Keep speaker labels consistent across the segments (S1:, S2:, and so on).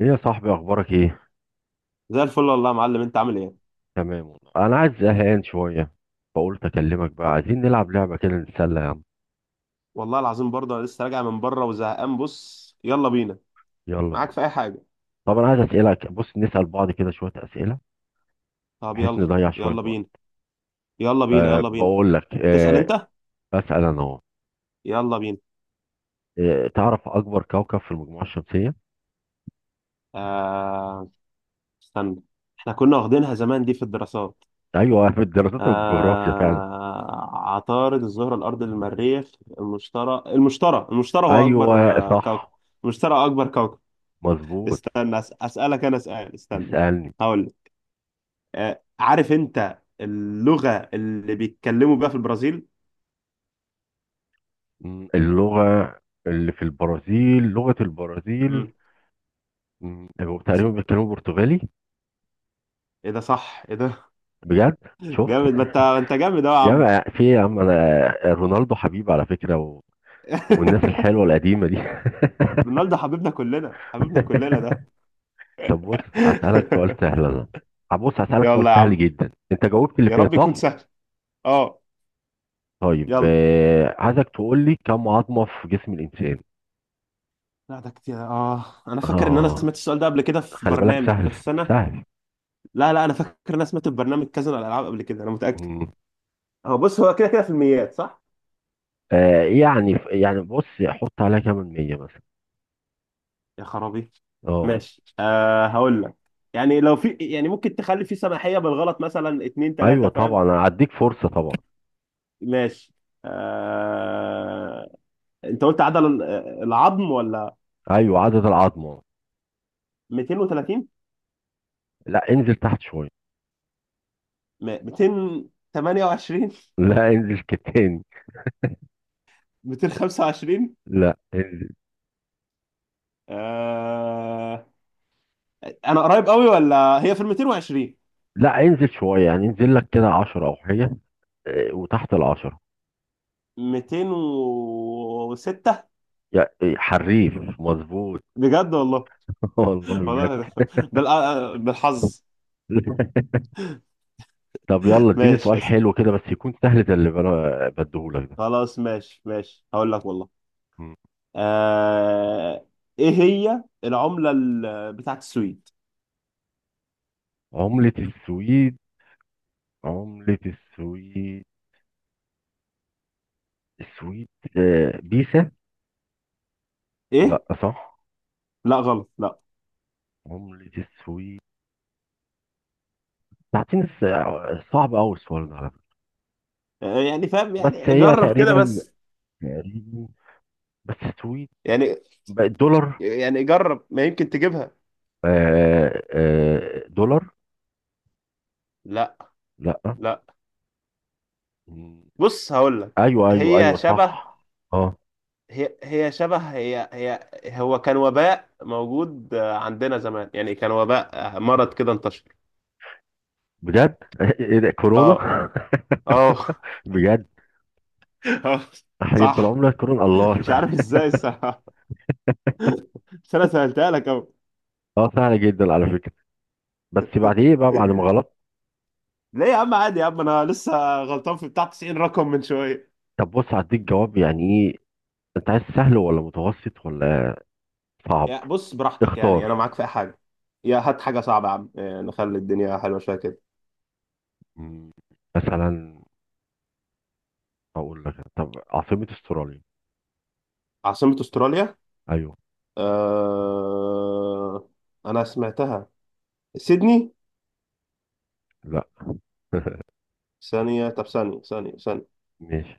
S1: ايه يا صاحبي، اخبارك ايه؟
S2: زي الفل والله يا معلم، انت عامل ايه؟
S1: تمام والله، انا عايز زهقان شويه. فقلت اكلمك بقى،
S2: أه.
S1: عايزين نلعب لعبه كده نتسلى يا عم.
S2: والله العظيم برضه انا لسه راجع من بره وزهقان، بص يلا بينا،
S1: يلا
S2: معاك
S1: بينا.
S2: في اي حاجه.
S1: طب انا عايز اسالك، بص نسال بعض كده شويه اسئله،
S2: طب
S1: بحيث
S2: يلا،
S1: نضيع شويه
S2: يلا بينا،
S1: وقت.
S2: يلا بينا،
S1: أه،
S2: يلا بينا،
S1: بقول لك
S2: تسأل
S1: أه،
S2: انت،
S1: اسال انا اهو.
S2: يلا بينا.
S1: أه، تعرف اكبر كوكب في المجموعه الشمسيه؟
S2: آه... استنى، احنا كنا واخدينها زمان دي في الدراسات.
S1: ايوه، في الدراسات والجغرافيا فعلا.
S2: عطارد، الزهره، الارض، المريخ، المشتري، المشتري، المشتري هو اكبر
S1: ايوه.
S2: كوكب.
S1: صح.
S2: المشتري اكبر كوكب.
S1: مظبوط.
S2: استنى، اسالك انا سؤال، استنى.
S1: اسالني.
S2: هقول لك. عارف انت اللغة اللي بيتكلموا بيها في البرازيل؟
S1: مم، اللغه اللي في البرازيل، لغه البرازيل.
S2: مم.
S1: مم، تقريبا بيتكلموا برتغالي.
S2: ايه ده؟ صح، ايه ده؟
S1: بجد. شفت؟
S2: جامد. ما انت جامد اهو يا
S1: يا
S2: عم.
S1: عم في إيه يا عم، انا رونالدو حبيبي على فكرة و... والناس الحلوة القديمة دي.
S2: رونالدو حبيبنا كلنا، حبيبنا كلنا ده.
S1: طب بص، هسألك سؤال سهل انا. هبص هسألك سؤال
S2: يلا يا
S1: سهل
S2: عم،
S1: جدا. انت جاوبت اللي
S2: يا
S1: فات
S2: رب يكون
S1: صح؟
S2: سهل. اه.
S1: طيب
S2: يلا.
S1: عايزك تقول لي كم عظمة في جسم الإنسان؟
S2: لا ده كتير. اه انا فاكر ان انا
S1: اه،
S2: سمعت السؤال ده قبل كده في
S1: خلي بالك
S2: برنامج،
S1: سهل.
S2: بس انا...
S1: سهل.
S2: لا لا، انا فاكر ان انا سمعت في برنامج كذا على الالعاب قبل كده، انا متأكد.
S1: مم.
S2: هو بص، هو كده كده في الميات صح.
S1: يعني يعني بص، حط عليها كام مية مثلا.
S2: يا خرابي.
S1: اه.
S2: ماشي، هقول لك. يعني لو في، يعني ممكن تخلي في سماحية بالغلط، مثلا اتنين
S1: ايوه
S2: تلاتة،
S1: طبعا،
S2: فاهم.
S1: انا هديك فرصة طبعا.
S2: ماشي. أه انت قلت عدد العظم ولا؟
S1: ايوه، عدد العظمة.
S2: 230.
S1: لا، انزل تحت شوية.
S2: 228.
S1: لا، انزل كتاني.
S2: 225.
S1: لا.
S2: أه انا قريب قوي ولا هي في ال 220؟
S1: لا، انزل شوية يعني، انزل لك كده عشرة أو حاجة. وتحت العشرة.
S2: 206.
S1: يا إيه، حريف! مظبوط.
S2: بجد والله.
S1: والله
S2: والله
S1: بجد.
S2: بالحظ.
S1: طب يلا، اديني
S2: ماشي،
S1: سؤال حلو كده بس يكون سهل زي اللي انا بديهولك ده.
S2: خلاص، ماشي هقول لك والله.
S1: مم.
S2: آه ايه هي العملة بتاعت السويد؟
S1: عملة السويد. عملة السويد. السويد. بيسا.
S2: ايه؟
S1: لا، صح؟
S2: لا غلط، لا.
S1: عملة السويد. تعطيني صعب قوي السؤال ده على فكرة.
S2: يعني فاهم،
S1: بس
S2: يعني
S1: هي
S2: جرب كده
S1: تقريبا،
S2: بس.
S1: تقريبا، بس السويد
S2: يعني
S1: بقت دولار.
S2: يعني جرب ما يمكن تجيبها.
S1: دولار.
S2: لا،
S1: لا.
S2: لا.
S1: مم.
S2: بص هقول لك.
S1: ايوه ايوه
S2: هي
S1: ايوه،
S2: شبه،
S1: صح. اه.
S2: هي هي شبه، هي هي. هو كان وباء موجود عندنا زمان، يعني كان وباء مرض كده انتشر.
S1: بجد ايه ده، كورونا؟
S2: اه، اه.
S1: بجد.
S2: آه.
S1: تحريف
S2: صح.
S1: بالعمله كورونا، الله!
S2: مش عارف ازاي الصراحة، بس انا سهلتها لك اهو.
S1: اه سهل جدا على فكره، بس بعد ايه بقى، بعد ما غلطت.
S2: ليه يا عم، عادي يا عم، انا لسه غلطان في بتاع 90 رقم من شويه.
S1: طب بص، هديك جواب يعني ايه، انت عايز سهل ولا متوسط ولا صعب؟
S2: يا بص، براحتك، يعني انا
S1: اختار.
S2: معاك في اي حاجه. يا هات حاجه صعبه يا عم، نخلي الدنيا حلوه شويه كده.
S1: مم. مثلا اقول لك، طب عاصمه استراليا؟
S2: عاصمه استراليا.
S1: ايوه.
S2: أه... انا سمعتها. سيدني.
S1: لا.
S2: ثانيه، طب ثانيه، ثانيه، ثانيه.
S1: ماشي.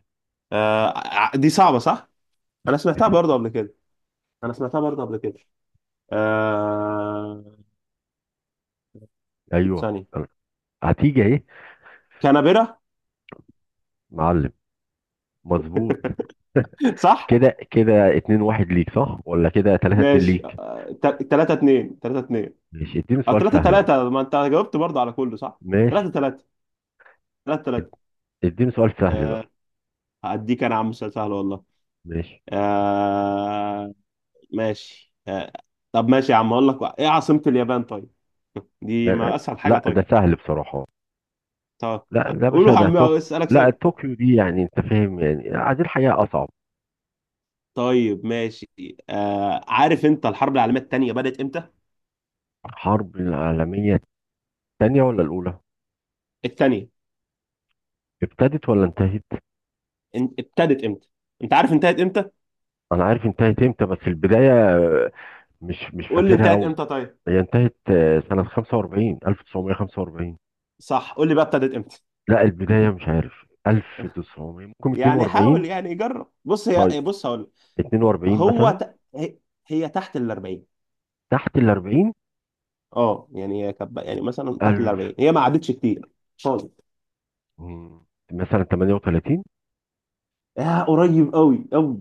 S2: دي صعبه صح. انا سمعتها برضه قبل كده، انا سمعتها برضه قبل كده. أه...
S1: ايوه،
S2: ثانيه.
S1: هتيجي اهي.
S2: كانبرا.
S1: معلم. مظبوط.
S2: صح.
S1: كده كده اتنين واحد ليك صح، ولا كده تلاتة اتنين
S2: ماشي.
S1: ليك؟
S2: 3 2 3 2.
S1: ماشي. اديني
S2: أو
S1: سؤال
S2: تلاتة
S1: سهل بقى.
S2: تلاتة، ما أنت جاوبت برضه على كله صح؟
S1: ماشي.
S2: تلاتة تلاتة. تلاتة تلاتة.
S1: اد- اديني سؤال سهل بقى.
S2: أه هديك أنا يا عم سؤال سهل والله.
S1: ماشي.
S2: أه ماشي. طب ماشي يا عم، أقول لك إيه عاصمة اليابان طيب؟ دي
S1: لا
S2: ما أسهل حاجة،
S1: لا، ده
S2: طيب.
S1: سهل بصراحة.
S2: طب
S1: لا، ده مش
S2: قولوا يا
S1: ده
S2: عم
S1: طوكيو؟
S2: أسألك
S1: لا
S2: سؤال.
S1: طوكيو دي يعني انت فاهم، يعني عايزين الحقيقة اصعب.
S2: طيب ماشي. عارف أنت الحرب العالمية التانية بدأت إمتى؟
S1: الحرب العالمية الثانية ولا الأولى؟
S2: التانية.
S1: ابتدت ولا انتهت؟
S2: ابتدت إمتى؟ أنت عارف انتهت إمتى؟
S1: انا عارف انتهت امتى، بس البداية مش
S2: قول لي
S1: فاكرها
S2: انتهت
S1: قوي.
S2: إمتى طيب؟
S1: هي انتهت سنة 45، 1945.
S2: صح، قول لي بقى ابتدت إمتى؟
S1: لا البداية مش عارف، 1900 ممكن،
S2: يعني
S1: 42.
S2: حاول، يعني جرب. بص هي،
S1: طيب.
S2: بص هقول.
S1: 42
S2: هو
S1: مثلا.
S2: هي، هي تحت ال 40.
S1: تحت ال
S2: اه، يعني هي يعني مثلا تحت ال
S1: 40.
S2: 40، هي ما عدتش كتير خالص.
S1: مم. مثلا 38.
S2: قريب قوي قوي.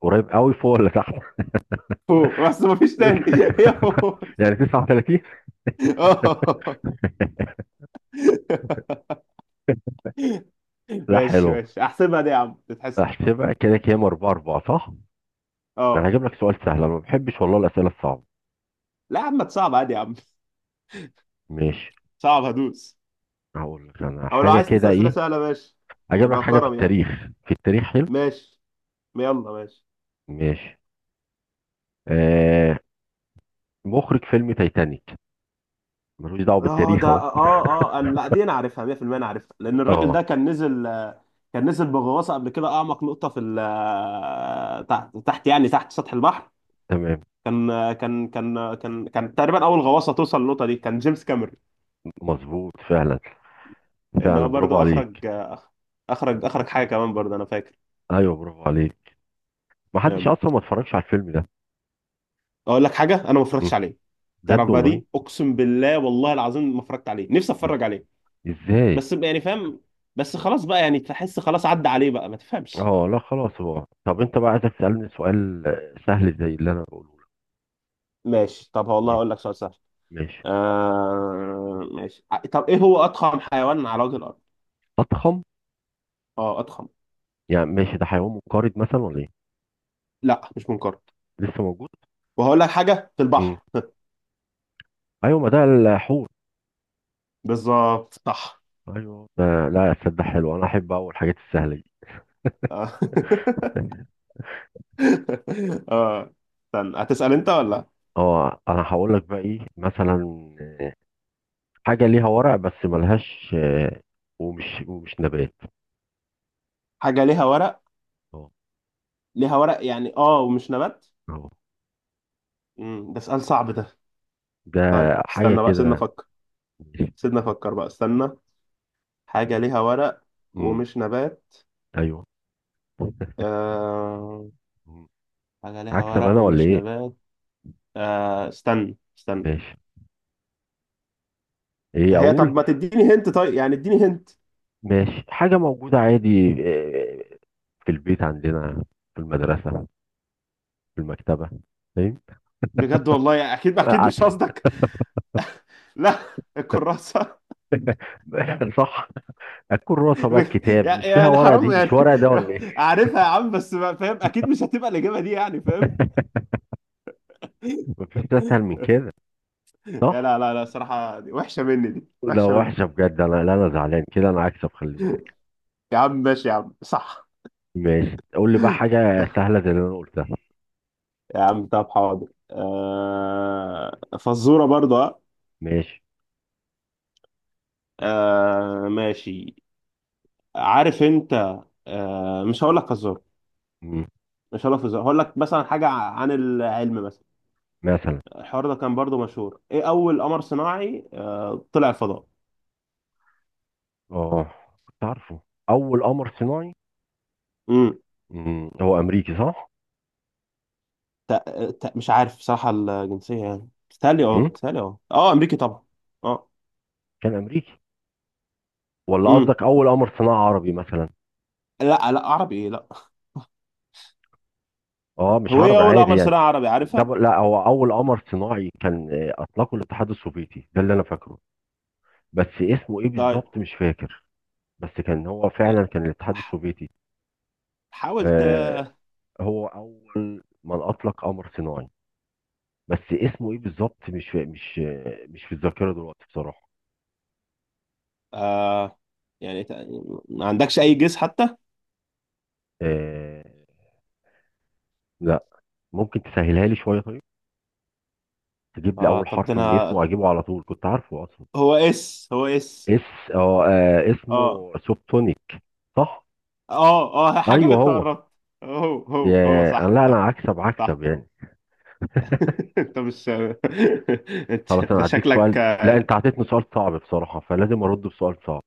S1: قريب قوي، فوق ولا تحت؟
S2: فوق، بس ما فيش تاني. هي فوق.
S1: يعني 39.
S2: اه.
S1: لا،
S2: ماشي،
S1: حلو.
S2: ماشي احسبها دي يا عم تتحسب.
S1: احسبها كده كام، 4 4 صح؟ انا
S2: اه.
S1: هجيب لك سؤال سهل، انا ما بحبش والله الاسئله الصعبه.
S2: لا يا عم، صعب عادي يا عم.
S1: ماشي.
S2: صعب هدوس.
S1: هقول لك انا
S2: او لو
S1: حاجه
S2: عايز
S1: كده
S2: تسال اسئله
S1: ايه.
S2: سهله، ماشي.
S1: هجيب لك
S2: يبقى
S1: حاجه في
S2: كرم يعني.
S1: التاريخ. في التاريخ، حلو.
S2: ماشي يلا، ماشي.
S1: ماشي. آه. مخرج فيلم تايتانيك. ملوش دعوه
S2: اه ده
S1: بالتاريخ
S2: اه
S1: اهو.
S2: اه أنا، لا، دي انا عارفها 100%، انا عارفها لان الراجل ده
S1: اه.
S2: كان نزل كان نزل بغواصه قبل كده اعمق نقطه في تحت، تحت يعني تحت سطح البحر.
S1: تمام.
S2: كان آه، كان كان آه، كان كان تقريبا اول غواصه توصل للنقطه دي، كان جيمس كاميرون.
S1: مظبوط فعلا.
S2: لان
S1: فعلا،
S2: هو
S1: برافو
S2: برضو
S1: عليك.
S2: اخرج، اخرج حاجه كمان برضو، انا فاكر.
S1: ايوه، برافو عليك. ما حدش
S2: آم،
S1: اصلا ما اتفرجش على الفيلم ده.
S2: اقول لك حاجه، انا ما
S1: مم.
S2: اتفرجتش عليه. تعرف
S1: بجد
S2: بقى
S1: والله.
S2: دي، اقسم بالله والله العظيم ما اتفرجت عليه، نفسي اتفرج عليه،
S1: ازاي؟
S2: بس يعني فاهم. بس خلاص بقى، يعني تحس خلاص عدى عليه بقى ما تفهمش.
S1: اه لا خلاص. هو طب انت بقى، عايزك تسألني سؤال سهل زي اللي انا بقوله لك.
S2: ماشي، طب والله
S1: ما-
S2: هقول لك سؤال سهل.
S1: ماشي.
S2: ماشي، طب ايه هو اضخم حيوان على وجه الارض؟
S1: اضخم؟
S2: اه، اضخم.
S1: يعني ماشي، ده حيوان منقرض مثلا ولا ايه؟
S2: لا مش منقرض.
S1: لسه موجود.
S2: وهقول لك حاجه في
S1: امم.
S2: البحر.
S1: ايوه، ما ده الحوت.
S2: بالظبط صح.
S1: ايوه ده، لا تصدق، حلو. انا احب اول الحاجات السهله دي.
S2: اه. آه. استنى، هتسال انت ولا؟
S1: اه، انا هقول لك بقى ايه مثلا. آه، حاجه ليها ورق بس ملهاش، ومش نبات.
S2: حاجه ليها ورق.
S1: اه.
S2: ليها ورق يعني، ومش نبات.
S1: اه
S2: ده سؤال صعب ده.
S1: ده.
S2: طيب
S1: حاجه
S2: استنى بقى، سيبنا
S1: كده.
S2: افكر.
S1: ماشي.
S2: سيبنا افكر بقى، استنى. حاجه ليها ورق
S1: امم.
S2: ومش نبات.
S1: ايوه.
S2: آه...
S1: مم.
S2: حاجه ليها
S1: هكسب
S2: ورق
S1: انا ولا
S2: ومش
S1: ايه؟
S2: نبات. استنى، استنى.
S1: ماشي. ايه
S2: هي طب
S1: اقول؟
S2: ما تديني هنت، طيب يعني اديني هنت.
S1: ماشي، حاجة موجودة عادي، في البيت عندنا، في المدرسة، في المكتبة، فاهم؟
S2: بجد والله، يعني اكيد اكيد
S1: آه،
S2: مش قصدك. لا. الكراسة.
S1: عسل صح. الكراسة بقى، الكتاب مش فيها
S2: يعني
S1: ورقة دي؟
S2: حرام يعني.
S1: مش ورقة ده ولا ايه؟
S2: عارفها يا عم، بس فاهم، اكيد مش هتبقى الاجابة دي يعني، فاهم.
S1: مفيش اسهل من كده،
S2: لا
S1: صح؟
S2: لا لا، صراحة دي وحشة مني، دي
S1: لا
S2: وحشة مني.
S1: وحشة بجد، انا لا انا زعلان كده، انا هكسب خلي بالك.
S2: يا عم ماشي يا عم، صح.
S1: ماشي. قول لي بقى حاجة سهلة زي اللي انا قلتها.
S2: يا عم طب حاضر، فزورة برضه.
S1: ماشي.
S2: ماشي. عارف انت. مش هقول لك فزورة.
S1: مم.
S2: مش هقول لك فزورة، هقول لك مثلا حاجة عن العلم مثلا.
S1: مثلا.
S2: الحوار ده كان برضو مشهور. ايه اول قمر صناعي طلع الفضاء؟
S1: اه، كنت عارفه. اول قمر صناعي.
S2: امم.
S1: مم. هو امريكي صح؟
S2: مش عارف بصراحة الجنسية، يعني بتهيألي،
S1: مم.
S2: بتهيألي، اه امريكي طبعا. اه.
S1: كان امريكي؟ ولا
S2: امم.
S1: قصدك اول قمر صناعي عربي مثلا؟
S2: لا لا، عربي؟ ايه، لا.
S1: اه مش
S2: هو ايه
S1: عربي
S2: اول
S1: عادي
S2: قمر
S1: يعني.
S2: صناعي عربي عارفها.
S1: لا، هو اول قمر صناعي كان اطلقه الاتحاد السوفيتي، ده اللي انا فاكره. بس اسمه ايه
S2: طيب،
S1: بالظبط مش فاكر. بس كان هو
S2: يعني
S1: فعلا، كان الاتحاد
S2: ح-
S1: السوفيتي.
S2: حاول
S1: آه، هو اول من اطلق قمر صناعي، بس اسمه ايه بالظبط مش مش في الذاكره دلوقتي بصراحه.
S2: آه يعني ما عندكش اي جيس حتى؟
S1: آه. لا. ممكن تسهلها لي شويه طيب، تجيب لي
S2: اه
S1: اول
S2: طب ده
S1: حرف من
S2: انا،
S1: اسمه، اجيبه على طول كنت عارفه اصلا.
S2: هو اس.
S1: اس اه،
S2: اه
S1: اسمه سوبتونيك. صح.
S2: اه حاجة
S1: ايوه
S2: كنت
S1: هو.
S2: قربت. هو
S1: يا أنا،
S2: صح،
S1: لا
S2: صح.
S1: أنا هكسب،
S2: صح.
S1: هكسب يعني.
S2: انت مش...
S1: خلاص
S2: انت ده
S1: أنا هديك
S2: شكلك.
S1: سؤال. لا أنت عطيتني سؤال صعب بصراحة، فلازم أرد بسؤال صعب.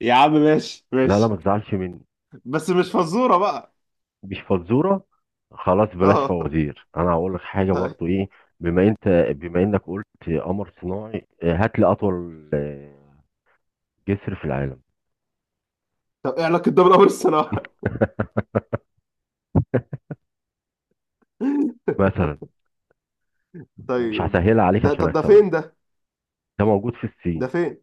S2: يا عم ماشي،
S1: لا لا،
S2: ماشي.
S1: ما تزعلش مني.
S2: بس مش فزورة بقى.
S1: مش فزورة. خلاص، بلاش
S2: اه،
S1: فوازير. أنا هقول لك حاجة
S2: طيب.
S1: برضو إيه. بما إنك قلت قمر صناعي، هات لي أطول جسر في العالم.
S2: طب ايه علاقة ده بالأمر الصناعي؟
S1: مثلا. ومش
S2: طيب.
S1: هسهلها عليك عشان
S2: طب ده
S1: أكسب أنا.
S2: فين ده.
S1: ده موجود في الصين.
S2: ده فين؟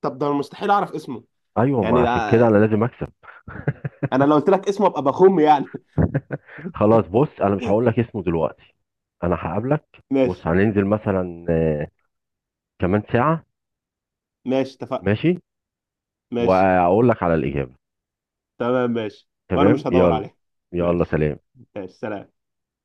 S2: طب ده انا مستحيل اعرف اسمه.
S1: أيوة، ما
S2: يعني
S1: عشان كده أنا لازم أكسب.
S2: انا لو قلت لك اسمه ابقى بخم يعني.
S1: خلاص بص، انا مش هقول لك اسمه دلوقتي. انا هقابلك. بص
S2: ماشي،
S1: هننزل مثلا كمان ساعة.
S2: ماشي اتفقنا.
S1: ماشي.
S2: ماشي.
S1: وأقول لك على الإجابة.
S2: تمام، ماشي، وانا
S1: تمام.
S2: مش هدور
S1: يلا.
S2: عليه.
S1: يلا
S2: ماشي.
S1: سلام.
S2: ماشي، سلام.